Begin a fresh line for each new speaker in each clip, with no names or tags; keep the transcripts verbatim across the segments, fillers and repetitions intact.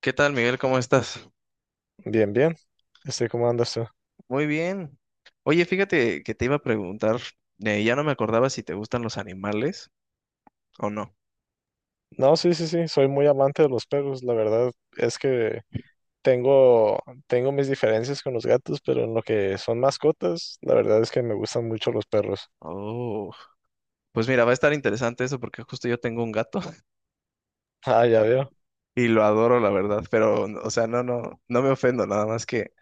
¿Qué tal, Miguel? ¿Cómo estás?
Bien, bien. Estoy, ¿como anda usted?
Muy bien. Oye, fíjate que te iba a preguntar, eh, ya no me acordaba si te gustan los animales o no.
No, sí, sí, sí. Soy muy amante de los perros. La verdad es que tengo, tengo mis diferencias con los gatos, pero en lo que son mascotas, la verdad es que me gustan mucho los perros.
Oh, pues mira, va a estar interesante eso porque justo yo tengo un gato
Ah, ya veo.
y lo adoro, la verdad, pero, o sea, no, no, no me ofendo, nada más que,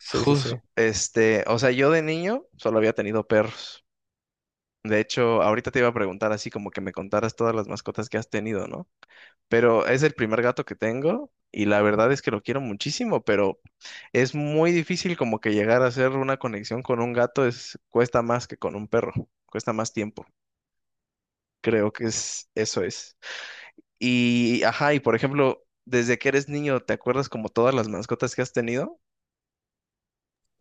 Sí, sí, sí.
jus- este, o sea, yo de niño solo había tenido perros. De hecho, ahorita te iba a preguntar así como que me contaras todas las mascotas que has tenido, ¿no? Pero es el primer gato que tengo y la verdad es que lo quiero muchísimo, pero es muy difícil como que llegar a hacer una conexión con un gato, es cuesta más que con un perro, cuesta más tiempo. Creo que es eso es. Y ajá, y por ejemplo, desde que eres niño, ¿te acuerdas como todas las mascotas que has tenido?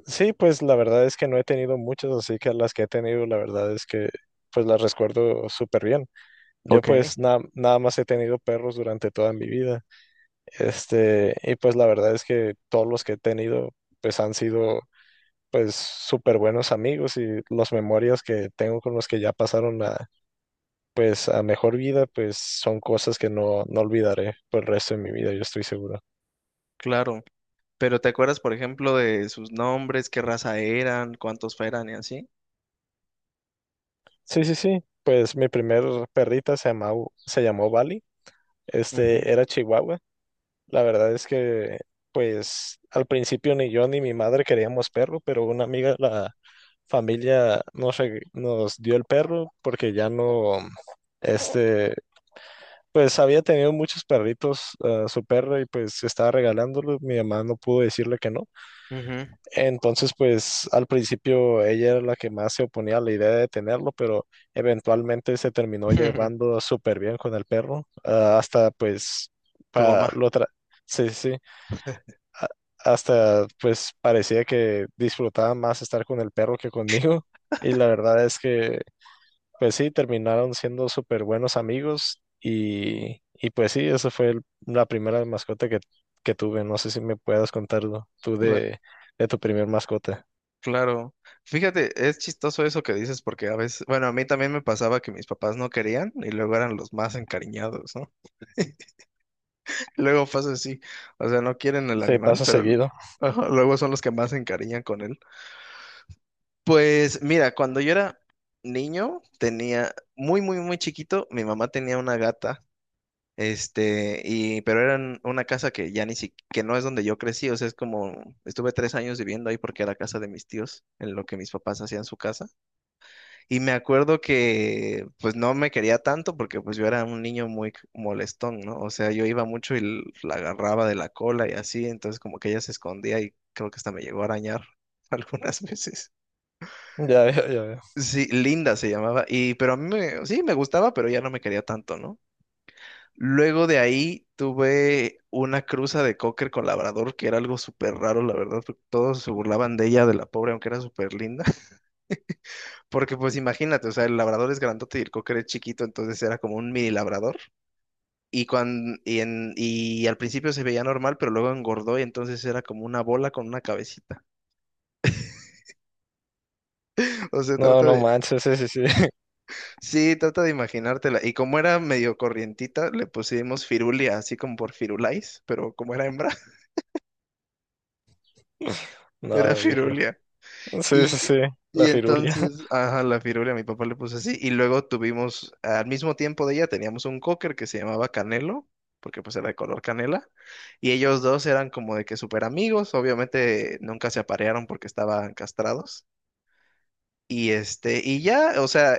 Sí, pues la verdad es que no he tenido muchas, así que las que he tenido, la verdad es que pues las recuerdo súper bien. Yo
Ok,
pues na- nada más he tenido perros durante toda mi vida. Este, y pues la verdad es que todos los que he tenido pues han sido pues súper buenos amigos y las memorias que tengo con los que ya pasaron a, pues a mejor vida, pues son cosas que no, no olvidaré por el resto de mi vida, yo estoy seguro.
claro. Pero ¿te acuerdas, por ejemplo, de sus nombres, qué raza eran, cuántos eran y así?
Sí, sí, sí, pues mi primer perrita se llamaba, se llamó Bali, este
Ujú,
era Chihuahua, la verdad es que pues al principio ni yo ni mi madre queríamos perro, pero una amiga de la familia nos, reg- nos dio el perro porque ya no... Este, pues había tenido muchos perritos, ah, su perro, y pues estaba regalándolo. Mi mamá no pudo decirle que no.
ujú.
Entonces, pues al principio ella era la que más se oponía a la idea de tenerlo, pero eventualmente se terminó llevando súper bien con el perro. Ah, hasta pues,
Tu
pa,
mamá.
lo tra- sí, sí, a- hasta pues parecía que disfrutaba más estar con el perro que conmigo. Y la verdad es que pues sí, terminaron siendo súper buenos amigos y, y pues sí, esa fue el- la primera mascota que, que tuve. No sé si me puedas contarlo tú de, de tu primer mascota.
Claro, fíjate, es chistoso eso que dices porque a veces, bueno, a mí también me pasaba que mis papás no querían y luego eran los más encariñados, ¿no? Luego pasa así, o sea, no quieren el
Sí,
animal,
pasa
pero
seguido.
ajá, luego son los que más se encariñan con él. Pues mira, cuando yo era niño, tenía muy, muy, muy chiquito, mi mamá tenía una gata, este, y, pero era en una casa que ya ni siquiera, que no es donde yo crecí, o sea, es como, estuve tres años viviendo ahí porque era casa de mis tíos, en lo que mis papás hacían su casa. Y me acuerdo que pues no me quería tanto porque pues yo era un niño muy c- molestón, ¿no? O sea, yo iba mucho y l- la agarraba de la cola y así, entonces como que ella se escondía y creo que hasta me llegó a arañar algunas veces.
Ya, ya, ya. Veo.
Sí, Linda se llamaba y pero a mí me, sí me gustaba, pero ya no me quería tanto, ¿no? Luego de ahí tuve una cruza de cocker con labrador que era algo súper raro, la verdad, porque todos se burlaban de ella, de la pobre, aunque era súper linda. Porque pues imagínate, o sea, el labrador es grandote y el cocker es chiquito, entonces era como un mini labrador. Y, cuando, y, en- y al principio se veía normal, pero luego engordó y entonces era como una bola con una cabecita. O sea,
No,
trata
no
de...
manches, sí, sí, sí.
Sí, trata de imaginártela. Y como era medio corrientita, le pusimos Firulia, así como por Firulais, pero como era hembra, era
No, viejo.
Firulia.
Sí, sí,
Y,
sí,
y
la firulia.
entonces, ajá, la firula, mi papá le puso así. Y luego tuvimos, al mismo tiempo de ella, teníamos un cocker que se llamaba Canelo, porque pues era de color canela. Y ellos dos eran como de que súper amigos. Obviamente nunca se aparearon porque estaban castrados. Y este, y ya, o sea,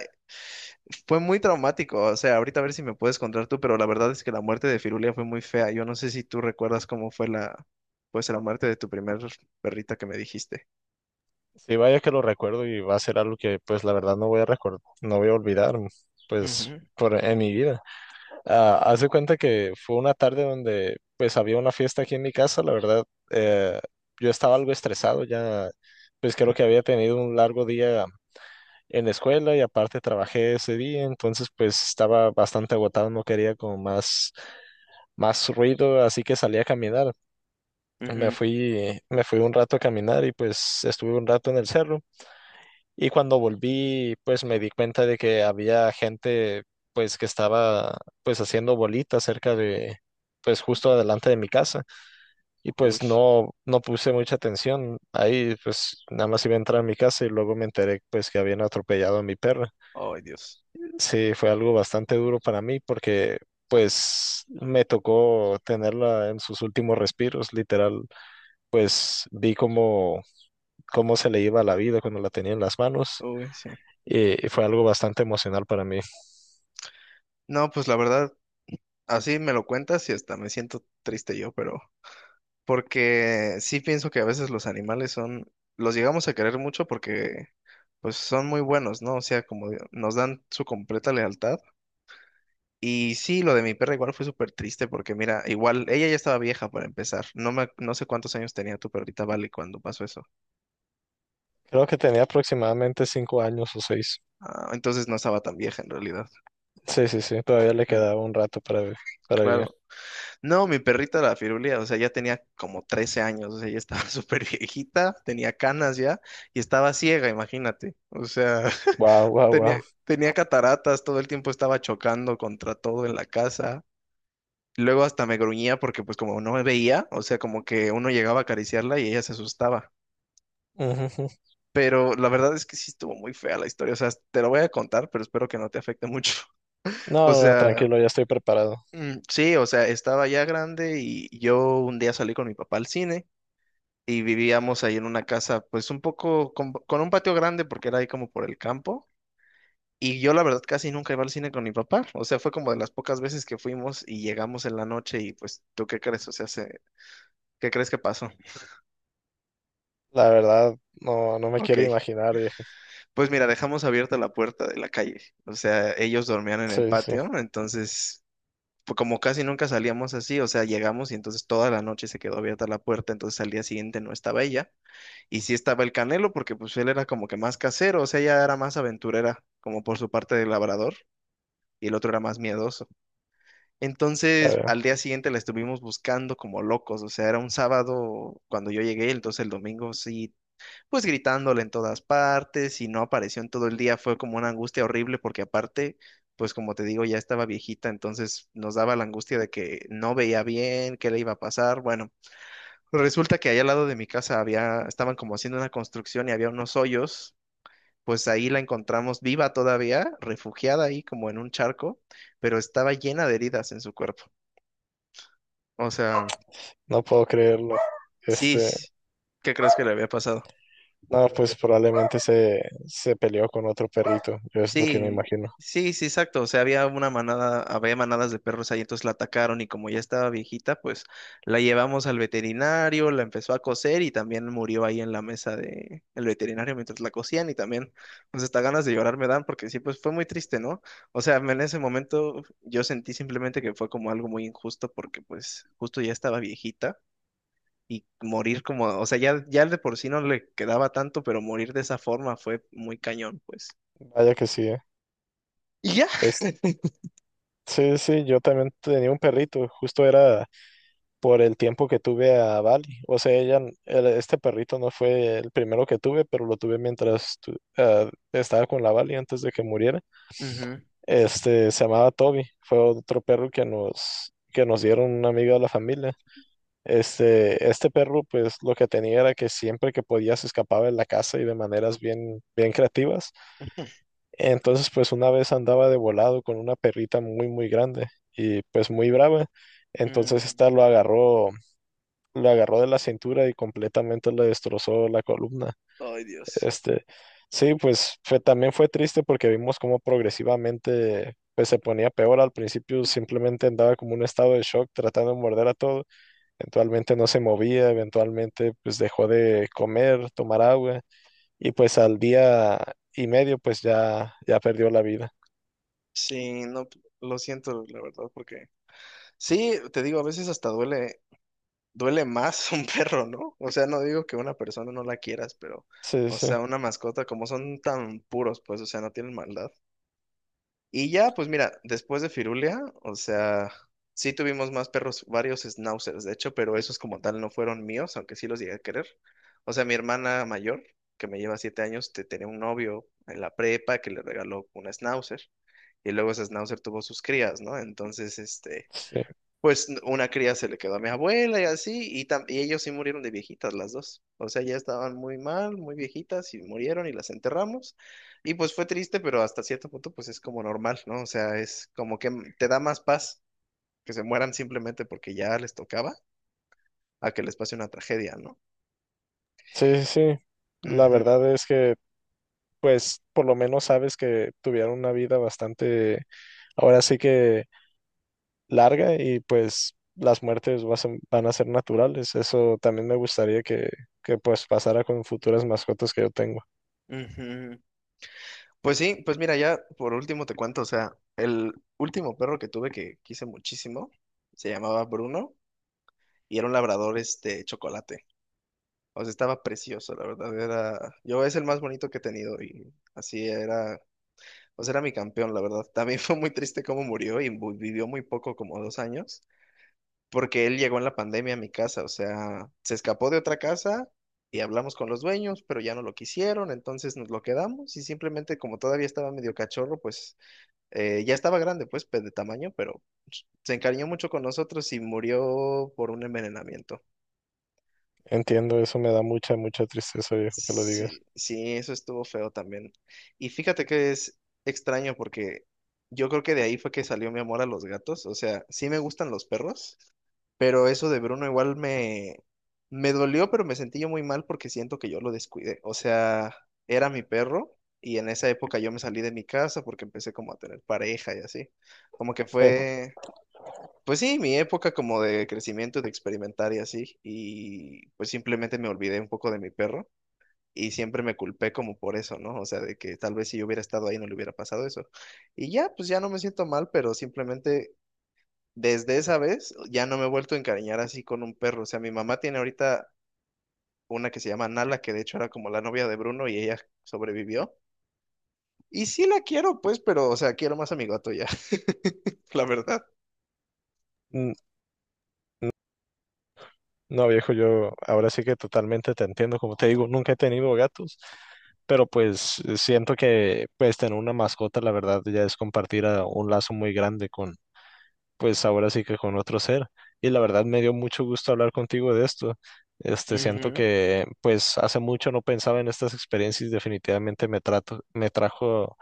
fue muy traumático. O sea, ahorita a ver si me puedes contar tú, pero la verdad es que la muerte de Firulia fue muy fea. Yo no sé si tú recuerdas cómo fue la, pues la muerte de tu primer perrita que me dijiste.
Sí, vaya que lo recuerdo y va a ser algo que pues la verdad no voy a recordar, no voy a olvidar, pues
Ujú,
por en mi vida. Ah, hace cuenta que fue una tarde donde pues había una fiesta aquí en mi casa, la verdad, eh, yo estaba algo estresado ya, pues creo que
ujú,
había tenido un largo día en la escuela y aparte trabajé ese día, entonces pues estaba bastante agotado, no quería como más, más ruido, así que salí a caminar. Me
ujú.
fui, me fui un rato a caminar y pues estuve un rato en el cerro. Y cuando volví, pues me di cuenta de que había gente, pues que estaba, pues haciendo bolitas cerca de, pues justo adelante de mi casa. Y pues
Uy.
no, no puse mucha atención. Ahí, pues nada más iba a entrar a mi casa y luego me enteré, pues que habían atropellado a mi perra.
Ay, Dios.
Sí, fue algo bastante duro para mí porque, pues me tocó tenerla en sus últimos respiros, literal. Pues vi cómo, cómo se le iba la vida cuando la tenía en las manos.
Uy, sí.
Y, y fue algo bastante emocional para mí.
No, pues la verdad, así me lo cuentas y hasta me siento triste yo, pero porque sí pienso que a veces los animales son, los llegamos a querer mucho porque pues son muy buenos, ¿no? O sea, como de- nos dan su completa lealtad. Y sí, lo de mi perra igual fue súper triste porque mira, igual ella ya estaba vieja para empezar. No me, no sé cuántos años tenía tu perrita Vale cuando pasó eso.
Creo que tenía aproximadamente cinco años o seis.
Ah, entonces no estaba tan vieja en realidad.
Sí, sí, sí, todavía le
Ujú,
quedaba un rato para, vi- para vivir.
claro. No, mi perrita la Firulia, o sea, ya tenía como trece años, o sea, ya estaba súper viejita, tenía canas ya y estaba ciega, imagínate. O sea,
Wow, wow, wow.
tenía, tenía cataratas, todo el tiempo estaba chocando contra todo en la casa. Luego hasta me gruñía porque pues como no me veía, o sea, como que uno llegaba a acariciarla y ella se asustaba.
Ujú.
Pero la verdad es que sí estuvo muy fea la historia, o sea, te lo voy a contar, pero espero que no te afecte mucho.
No,
O
no, no,
sea,
tranquilo, ya estoy preparado.
mm, sí, o sea, estaba ya grande y yo un día salí con mi papá al cine y vivíamos ahí en una casa, pues un poco con, con un patio grande porque era ahí como por el campo. Y yo la verdad casi nunca iba al cine con mi papá. O sea, fue como de las pocas veces que fuimos y llegamos en la noche y pues, ¿tú qué crees? O sea, se- ¿qué crees que pasó?
La verdad, no, no me
Ok,
quiero imaginar, viejo.
pues mira, dejamos abierta la puerta de la calle. O sea, ellos dormían en el
Sí, sí,
patio, entonces... pues, como casi nunca salíamos así, o sea, llegamos y entonces toda la noche se quedó abierta la puerta, entonces al día siguiente no estaba ella. Y sí estaba el Canelo, porque pues él era como que más casero, o sea, ella era más aventurera, como por su parte de labrador, y el otro era más miedoso.
ya
Entonces, al
veo.
día siguiente la estuvimos buscando como locos, o sea, era un sábado cuando yo llegué, entonces el domingo sí, pues gritándole en todas partes, y no apareció en todo el día, fue como una angustia horrible, porque aparte, pues como te digo, ya estaba viejita, entonces nos daba la angustia de que no veía bien, qué le iba a pasar, bueno. Resulta que allá al lado de mi casa había, estaban como haciendo una construcción y había unos hoyos. Pues ahí la encontramos viva todavía, refugiada ahí como en un charco, pero estaba llena de heridas en su cuerpo. O sea,
No puedo creerlo.
sí,
Este,
¿qué crees que le había pasado?
no, pues probablemente se, se peleó con otro perrito, yo es lo que me
Sí,
imagino.
sí, sí, exacto. O sea, había una manada, había manadas de perros ahí, entonces la atacaron y como ya estaba viejita, pues la llevamos al veterinario, la empezó a coser y también murió ahí en la mesa de el veterinario mientras la cosían y también, pues hasta ganas de llorar me dan porque sí, pues fue muy triste, ¿no? O sea, en ese momento yo sentí simplemente que fue como algo muy injusto porque pues justo ya estaba viejita. Y morir como, o sea, ya, ya de por sí no le quedaba tanto, pero morir de esa forma fue muy cañón, pues.
Vaya que sí, ¿eh?
Y ya,
Es, sí, sí, yo también tenía un perrito, justo era por el tiempo que tuve a Bali. O sea, ella, n- el- este perrito no fue el primero que tuve, pero lo tuve mientras tu- ah, estaba con la Bali antes de que muriera.
Ujú.
Este, se llamaba Toby, fue otro perro que nos, que nos dieron una amiga de la familia. Este, este perro, pues lo que tenía era que siempre que podía se escapaba de la casa y de maneras bien, bien creativas. Entonces, pues una vez andaba de volado con una perrita muy, muy grande y pues muy brava. Entonces,
Mm,
esta lo agarró lo agarró de la cintura y completamente le destrozó la columna.
Ay, Dios.
Este, sí, pues fue, también fue triste porque vimos cómo progresivamente pues, se ponía peor. Al principio simplemente andaba como un estado de shock tratando de morder a todo. Eventualmente no se movía, eventualmente pues dejó de comer, tomar agua y pues al día y medio pues ya, ya perdió la vida.
Sí, no, p- lo siento, la verdad, porque sí, te digo, a veces hasta duele, duele más un perro, ¿no? O sea, no digo que una persona no la quieras, pero,
Sí,
o
sí,
sea, una mascota, como son tan puros, pues, o sea, no tienen maldad. Y ya, pues mira, después de Firulia, o sea, sí tuvimos más perros, varios schnauzers, de hecho, pero esos como tal no fueron míos, aunque sí los llegué a querer. O sea, mi hermana mayor, que me lleva siete años, te- tenía un novio en la prepa que le regaló un schnauzer, y luego ese schnauzer tuvo sus crías, ¿no? Entonces, este,
sí,
pues n- una cría se le quedó a mi abuela y así, y, tam- y ellos sí murieron de viejitas las dos. O sea, ya estaban muy mal, muy viejitas y murieron y las enterramos. Y pues fue triste, pero hasta cierto punto pues es como normal, ¿no? O sea, es como que m- te da más paz que se mueran simplemente porque ya les tocaba a que les pase una tragedia, ¿no?
sí, sí, sí. La
Ujú,
verdad es que pues por lo menos sabes que tuvieron una vida bastante, ahora sí que larga y pues las muertes vas a- van a ser naturales. Eso también me gustaría que, que pues pasara con futuras mascotas que yo tengo.
ujú. Pues sí, pues mira, ya por último te cuento, o sea, el último perro que tuve que quise muchísimo se llamaba Bruno y era un labrador este chocolate. O sea, estaba precioso, la verdad. Era, yo es el más bonito que he tenido y así era, o sea, era mi campeón, la verdad. También fue muy triste cómo murió y mu- vivió muy poco, como dos años, porque él llegó en la pandemia a mi casa, o sea, se escapó de otra casa y hablamos con los dueños, pero ya no lo quisieron, entonces nos lo quedamos y simplemente como todavía estaba medio cachorro, pues eh, ya estaba grande, pues pe- de tamaño, pero se encariñó mucho con nosotros y murió por un envenenamiento.
Entiendo, eso me da mucha, mucha tristeza, viejo, que lo digas.
Sí, sí, eso estuvo feo también. Y fíjate que es extraño porque yo creo que de ahí fue que salió mi amor a los gatos. O sea, sí me gustan los perros, pero eso de Bruno igual me, me dolió, pero me sentí yo muy mal porque siento que yo lo descuidé. O sea, era mi perro y en esa época yo me salí de mi casa porque empecé como a tener pareja y así. Como que
Sí.
fue, pues sí, mi época como de crecimiento, de experimentar y así. Y pues simplemente me olvidé un poco de mi perro. Y siempre me culpé como por eso, ¿no? O sea, de que tal vez si yo hubiera estado ahí no le hubiera pasado eso. Y ya, pues ya no me siento mal, pero simplemente desde esa vez ya no me he vuelto a encariñar así con un perro. O sea, mi mamá tiene ahorita una que se llama Nala, que de hecho era como la novia de Bruno y ella sobrevivió. Y sí la quiero, pues, pero, o sea, quiero más a mi gato ya, la verdad.
Mm. No, viejo, yo ahora sí que totalmente te entiendo. Como te digo, nunca he tenido gatos, pero pues siento que pues tener una mascota, la verdad, ya es compartir a un lazo muy grande con pues ahora sí que con otro ser. Y la verdad me dio mucho gusto hablar contigo de esto. Este, siento
Ujú,
que pues hace mucho no pensaba en estas experiencias y definitivamente me trato, me trajo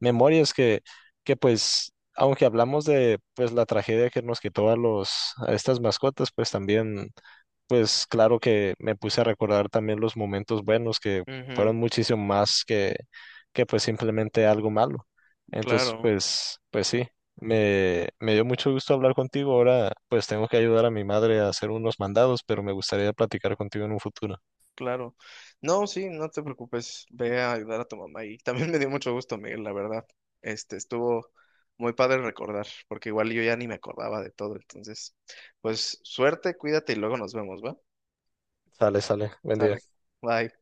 memorias que, que pues, aunque hablamos de pues la tragedia que nos quitó a los, a estas mascotas, pues también pues claro que me puse a recordar también los momentos buenos que
ujú,
fueron muchísimo más que, que pues simplemente algo malo. Entonces,
claro.
pues, pues sí, me, me dio mucho gusto hablar contigo. Ahora, pues tengo que ayudar a mi madre a hacer unos mandados, pero me gustaría platicar contigo en un futuro.
Claro. No, sí, no te preocupes. Ve a ayudar a tu mamá. Y también me dio mucho gusto, Miguel, la verdad. Este, estuvo muy padre recordar, porque igual yo ya ni me acordaba de todo. Entonces, pues suerte, cuídate y luego nos vemos, ¿va?
Sale, sale. Buen
Sale.
día.
Bye.